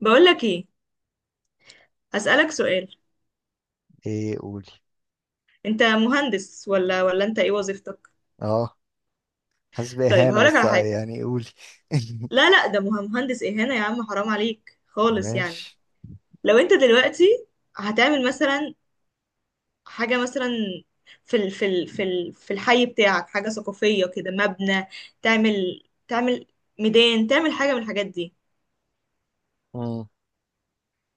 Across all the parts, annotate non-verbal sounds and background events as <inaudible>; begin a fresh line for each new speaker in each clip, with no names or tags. بقولك ايه؟ هسألك سؤال.
ايه، قولي.
انت مهندس ولا انت ايه وظيفتك؟
اه. حاسس
طيب
بإهانة،
هقولك
بس
على
آه،
حاجة.
يعني قولي. <laughs>
لا لا ده مهندس اهانة يا عم، حرام عليك خالص يعني.
ماشي.
لو انت دلوقتي هتعمل مثلا حاجة مثلا في ال في ال في ال في الحي بتاعك حاجة ثقافية كده، مبنى، تعمل ميدان، تعمل حاجة من الحاجات دي،
مم.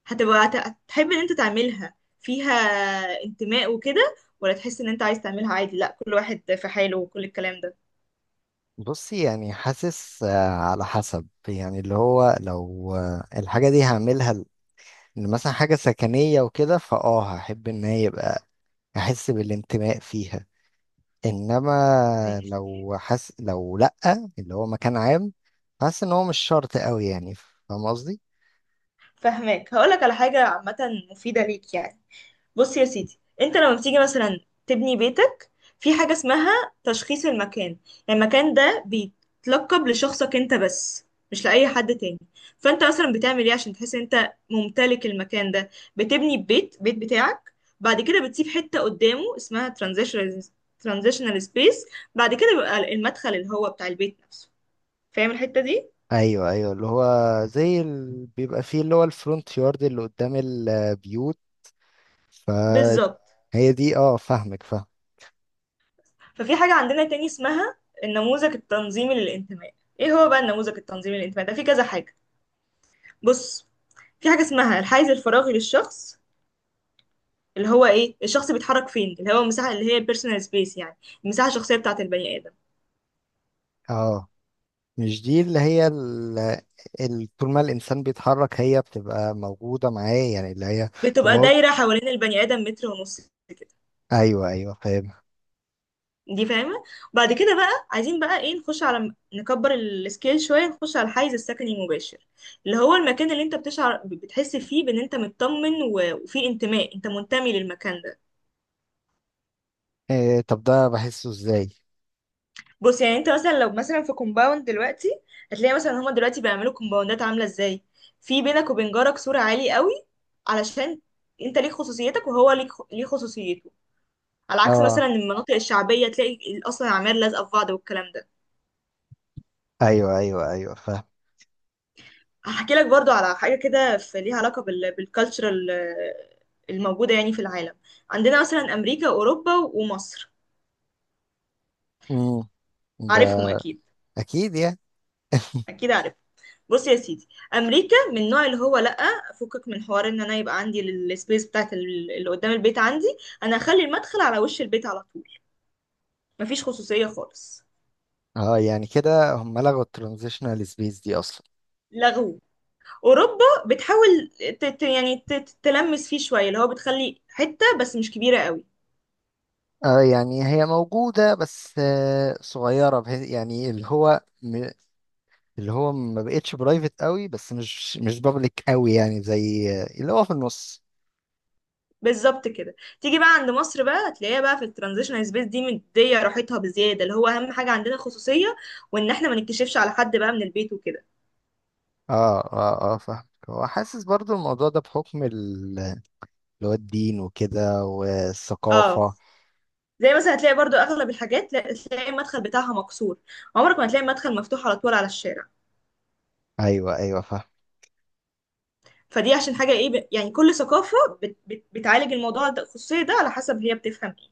هتحب ان انت تعملها، فيها انتماء وكده، ولا تحس ان انت عايز تعملها عادي، لا كل واحد في حاله وكل الكلام ده؟
بصي، يعني حاسس آه، على حسب. يعني اللي هو لو آه، الحاجة دي هعملها ل- إن مثلا حاجة سكنية وكده فاه هحب ان هي يبقى احس بالانتماء فيها. انما
ماشي،
لو حس، لو لأ. اللي هو مكان عام، حاسس ان هو مش شرط قوي. يعني فاهم قصدي.
فهماك. هقولك على حاجة عامة مفيدة ليك يعني. بص يا سيدي، انت لما بتيجي مثلا تبني بيتك، في حاجة اسمها تشخيص المكان. يعني المكان ده بيتلقب لشخصك انت بس، مش لأي حد تاني. فانت مثلا بتعمل ايه عشان تحس ان انت ممتلك المكان ده؟ بتبني بيت بتاعك، بعد كده بتسيب حتة قدامه اسمها ترانزيشنال سبيس، بعد كده بيبقى المدخل اللي هو بتاع البيت نفسه. فاهم الحتة دي؟
ايوه، ايوه، اللي هو زي ال... بيبقى فيه اللي هو الفرونت يارد اللي قدام البيوت.
بالظبط.
فهي دي، اه، فاهمك، فاهم.
ففي حاجة عندنا تاني اسمها النموذج التنظيمي للانتماء. ايه هو بقى النموذج التنظيمي للانتماء ده؟ في كذا حاجة. بص، في حاجة اسمها الحيز الفراغي للشخص، اللي هو ايه؟ الشخص بيتحرك فين، اللي هو المساحة، اللي هي البيرسونال سبيس يعني المساحة الشخصية بتاعة البني آدم.
اه، مش دي اللي هي ال... ال... طول ما الإنسان بيتحرك هي بتبقى موجودة معاه، يعني اللي هي طول ما
بتبقى
هو-
دايرة حوالين البني آدم متر ونص كده.
أيوه أيوه، فاهم.
دي فاهمة. بعد كده بقى عايزين بقى ايه؟ نخش على، نكبر السكيل شوية، نخش على الحيز السكني المباشر اللي هو المكان اللي انت بتشعر بتحس فيه بان انت مطمن وفيه انتماء، انت منتمي للمكان ده.
إيه، طب ده بحسه إزاي؟
بص، يعني انت مثلا لو مثلا في كومباوند دلوقتي، هتلاقي مثلا هما دلوقتي بيعملوا كومباوندات عامله ازاي؟ في بينك وبين جارك سور عالي قوي، علشان انت ليك خصوصيتك وهو ليك خصوصيته. على عكس مثلا
اه،
المناطق الشعبيه، تلاقي اصلا العماير لازقه في بعض والكلام ده.
أيوه، أيوه، أيوه، فاهم.
هحكي لك برضو على حاجه كده في ليها علاقه بالكالتشرال الموجوده يعني في العالم. عندنا مثلا امريكا واوروبا ومصر،
مم.
عارفهم
ده
اكيد،
أكيد يعني.
اكيد عارف. بص يا سيدي، امريكا من النوع اللي هو لا فكك من حوار ان انا يبقى عندي السبيس بتاعت اللي قدام البيت عندي، انا هخلي المدخل على وش البيت على طول، مفيش خصوصية خالص.
اه، يعني كده هم لغوا الترانزيشنال سبيس دي أصلا.
لغو. اوروبا بتحاول تلمس فيه شوية، اللي هو بتخلي حتة بس مش كبيرة قوي.
اه، يعني هي موجودة، بس آه، صغيرة بحيث يعني اللي هو م- اللي هو ما بقتش برايفت قوي، بس مش مش بابليك قوي، يعني زي اللي هو في النص.
بالظبط كده. تيجي بقى عند مصر بقى، هتلاقيها بقى في الترانزيشنال سبيس دي مديه راحتها بزياده، اللي هو اهم حاجه عندنا خصوصيه، وان احنا ما نكتشفش على حد بقى من البيت وكده.
اه، اه، اه، فاهم. هو حاسس برضو الموضوع ده بحكم ال- اللي هو الدين وكده
اه.
والثقافة.
زي مثلا هتلاقي برضو اغلب الحاجات تلاقي المدخل بتاعها مكسور، عمرك ما تلاقي المدخل مفتوح على طول على الشارع.
ايوه، ايوه، فاهم.
فدي عشان حاجه ايه؟ يعني كل ثقافه بت بت بتعالج الموضوع ده، الخصوصيه ده على حسب هي بتفهم ايه.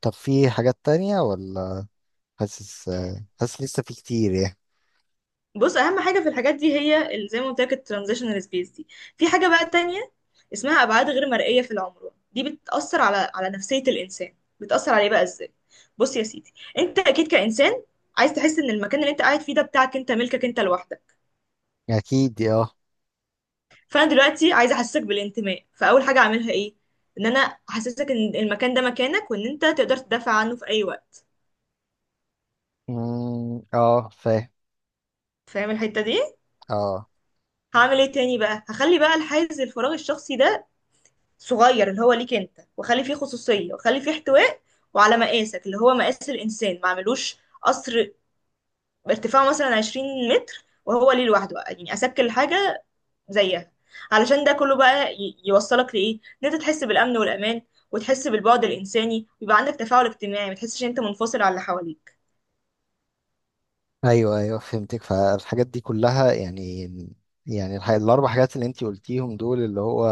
طب في حاجات تانية ولا حاسس آه، حاسس لسه في كتير يعني؟
بص، اهم حاجه في الحاجات دي هي زي ما قلت لك الترانزيشنال سبيس دي. في حاجه بقى تانية اسمها ابعاد غير مرئيه في العمر. دي بتاثر على على نفسيه الانسان. بتاثر عليه بقى ازاي؟ بص يا سيدي، انت اكيد كانسان عايز تحس ان المكان اللي انت قاعد فيه ده بتاعك انت، ملكك انت لوحدك.
اكيد، اه.
فانا دلوقتي عايزه احسسك بالانتماء، فاول حاجه اعملها ايه؟ ان انا احسسك ان المكان ده مكانك، وان انت تقدر تدافع عنه في اي وقت.
مم، اه، فاهم.
فاهم الحته دي؟
اه.
هعمل ايه تاني بقى؟ هخلي بقى الحيز الفراغ الشخصي ده صغير اللي هو ليك انت، واخلي فيه خصوصيه، واخلي فيه احتواء، وعلى مقاسك اللي هو مقاس الانسان. ما اعملوش قصر ارتفاعه مثلا 20 متر وهو ليه لوحده يعني، اسكل حاجه زيها. علشان ده كله بقى يوصلك لإيه؟ ان انت تحس بالأمن والأمان، وتحس بالبعد الإنساني، ويبقى عندك تفاعل اجتماعي، ما تحسش ان انت منفصل عن اللي حواليك.
ايوه، ايوه، فهمتك. فالحاجات دي كلها، يعني يعني الح- الاربع حاجات اللي انتي قلتيهم دول، اللي هو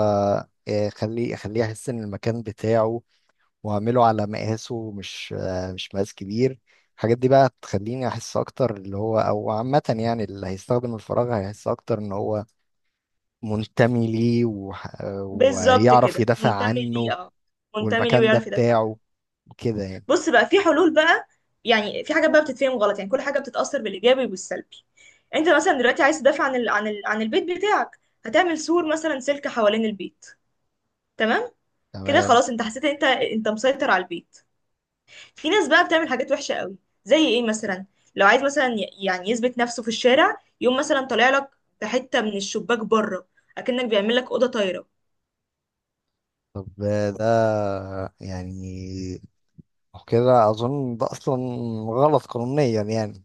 آه، خليه خليه يحس ان المكان بتاعه، واعمله على مقاسه، مش آه، مش مقاس كبير. الحاجات دي بقى تخليني احس اكتر، اللي هو او عامة يعني اللي هيستخدم الفراغ هيحس اكتر ان هو منتمي ليه، وح-
بالظبط
ويعرف
كده،
يدافع
منتمي ليه،
عنه.
اه منتمي ليه
والمكان ده
ويعرف يدافع.
بتاعه، كده يعني.
بص بقى، في حلول بقى. يعني في حاجات بقى بتتفهم غلط، يعني كل حاجة بتتأثر بالإيجابي والسلبي. انت مثلا دلوقتي عايز تدافع عن عن البيت بتاعك، هتعمل سور مثلا سلك حوالين البيت، تمام؟ كده
تمام.
خلاص، انت حسيت ان انت مسيطر على البيت. في ناس بقى بتعمل حاجات وحشة قوي. زي ايه مثلا؟ لو عايز مثلا يعني يثبت نفسه في الشارع، يقوم مثلا طالع لك بحتة من الشباك بره، اكنك بيعمل لك أوضة طايرة.
طب آه، ده يعني وكده اظن ده اصلا غلط قانونيا يعني.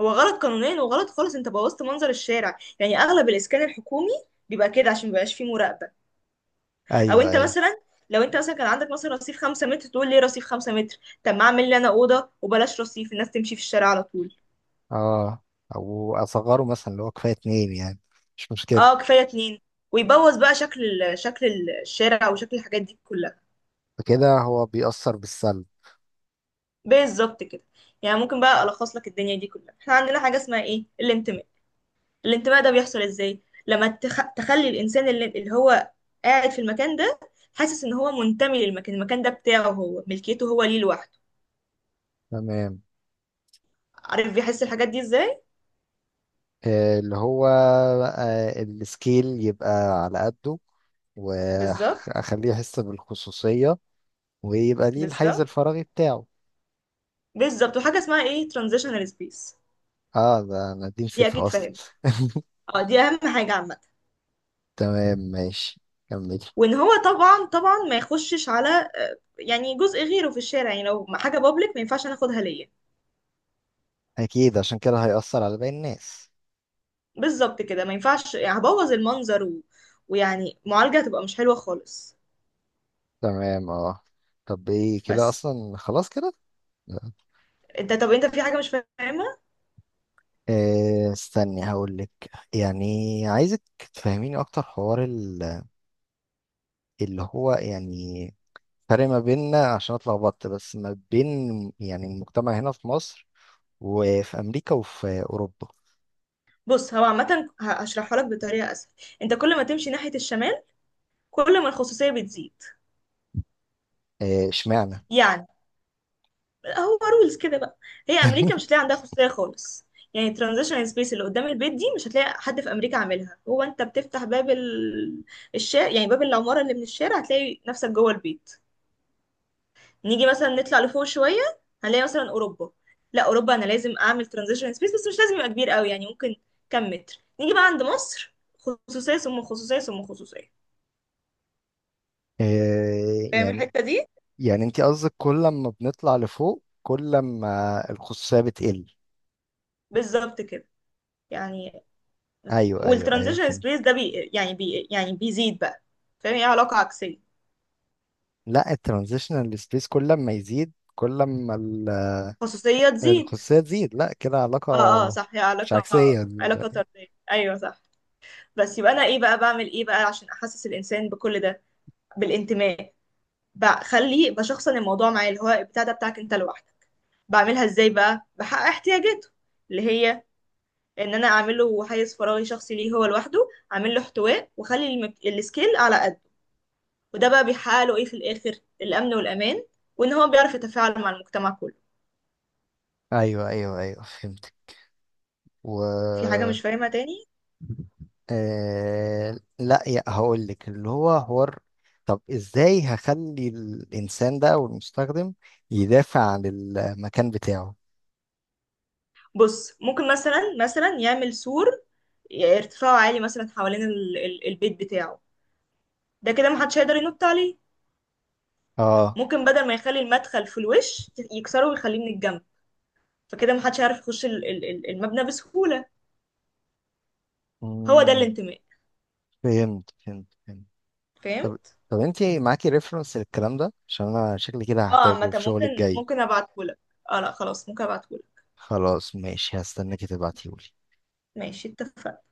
هو غلط قانونيا وغلط خالص، انت بوظت منظر الشارع. يعني اغلب الاسكان الحكومي بيبقى كده عشان مبيبقاش فيه مراقبة. او
ايوه،
انت
ايوه.
مثلا، لو انت مثلا كان عندك مثلا رصيف خمسة متر، تقول ليه رصيف خمسة متر؟ طب ما اعمل لي انا أوضة وبلاش، رصيف الناس تمشي في الشارع على طول.
اه، او اصغره مثلا اللي هو كفايه اتنين يعني، مش مشكله.
اه كفاية اتنين. ويبوظ بقى شكل الشارع وشكل الحاجات دي كلها.
فكده هو بيأثر بالسلب.
بالظبط كده. يعني ممكن بقى الخص لك الدنيا دي كلها. احنا عندنا حاجه اسمها ايه؟ الانتماء. الانتماء ده بيحصل ازاي؟ لما تخلي الانسان اللي هو قاعد في المكان ده حاسس ان هو منتمي للمكان، المكان ده بتاعه هو، ملكيته هو، ليه لوحده.
تمام.
عارف بيحس الحاجات دي ازاي؟
آه، اللي هو آه، السكيل يبقى على قده،
بالظبط.
واخليه يحس بالخصوصيه، ويبقى ليه الحيز
بالظبط.
الفراغي بتاعه.
بالظبط. وحاجه اسمها ايه؟ ترانزيشنال سبيس،
اه، ده انا دي
دي
نسيتها
اكيد
اصلا.
فاهم.
<laughs>
اه دي اهم حاجه عامه.
تمام، ماشي، كملي.
وان هو طبعا، طبعا ما يخشش على يعني جزء غيره في الشارع. يعني لو حاجه بابليك ما ينفعش ناخدها ليا.
اكيد، عشان كده هيأثر على باقي الناس.
بالظبط كده، ما ينفعش، يعني هبوظ المنظر، و... ويعني معالجة هتبقى مش حلوة خالص.
تمام، اه. طب ايه؟ كده
بس،
اصلا خلاص كده.
انت، طب انت في حاجة مش فاهمها؟
آه، استني هقول لك، يعني عايزك تفهميني اكتر حوار ال- اللي هو، يعني فرق ما بيننا عشان اتلخبطت، بس ما بين يعني المجتمع هنا في مصر، وفي امريكا، وفي اوروبا.
بص هو عامة هشرحها لك بطريقة اسهل. انت كل ما تمشي ناحية الشمال، كل ما الخصوصية بتزيد.
آه، اشمعنى
يعني هو رولز كده بقى. هي امريكا مش
<laughs>
هتلاقي عندها خصوصية خالص، يعني ترانزيشنال سبيس اللي قدام البيت دي مش هتلاقي حد في امريكا عاملها، هو انت بتفتح باب الشارع يعني، باب العمارة، اللي من الشارع هتلاقي نفسك جوه البيت. نيجي مثلا نطلع لفوق شويه، هنلاقي مثلا اوروبا، لا اوروبا انا لازم اعمل ترانزيشن سبيس بس مش لازم يبقى كبير قوي، يعني ممكن كام متر. نيجي بقى عند مصر، خصوصيه ثم خصوصيه ثم خصوصيه.
آه،
فاهم
يعني
الحته دي؟
يعني انت قصدك كل ما بنطلع لفوق كل ما الخصوصية بتقل؟
بالظبط كده، يعني
ايوه، ايوه، ايوه،
والترانزيشن
فهمت.
سبيس ده بي يعني بي يعني بيزيد بقى. فاهم؟ هي علاقه عكسيه.
لا، الترانزيشنال سبيس كل ما يزيد كل ما ال-
خصوصيه تزيد.
الخصوصية تزيد. لا كده
اه اه
علاقة
صح، هي
مش
علاقه،
عكسية.
علاقه طرديه، ايوه صح. بس يبقى انا ايه بقى، بعمل ايه بقى عشان احسس الانسان بكل ده، بالانتماء؟ بخليه، بشخصن الموضوع معاه، اللي هو البتاع ده بتاعك انت لوحدك. بعملها ازاي بقى؟ بحقق احتياجاته، اللي هي ان انا اعمل له حيز فراغي شخصي ليه هو لوحده، اعمل له احتواء، واخلي السكيل على قده. وده بقى بيحقق له ايه في الاخر؟ الامن والامان، وان هو بيعرف يتفاعل مع المجتمع كله.
ايوه، ايوه، ايوه، فهمت.
في حاجه
و
مش فاهمها تاني؟
آه... لا يا هقول لك اللي هو حوار. طب ازاي هخلي الانسان ده او المستخدم يدافع عن المكان بتاعه؟
بص، ممكن مثلا يعمل سور ارتفاعه عالي مثلا حوالين البيت بتاعه، ده كده محدش هيقدر ينط عليه.
اه،
ممكن بدل ما يخلي المدخل في الوش يكسره ويخليه من الجنب، فكده محدش هيعرف يخش المبنى بسهولة. هو ده
مم،
الانتماء.
فهمت، فهمت، فهمت.
فاهم؟
طب طب انت معاكي ريفرنس للكلام ده؟ عشان انا شكلي كده
اه
هحتاجه
عامة
في شغلي
ممكن،
الجاي.
ابعتهولك. اه لا خلاص، ممكن ابعتهولك.
خلاص، ماشي، هستناك تبعتيهولي.
ماشي، اتفقنا.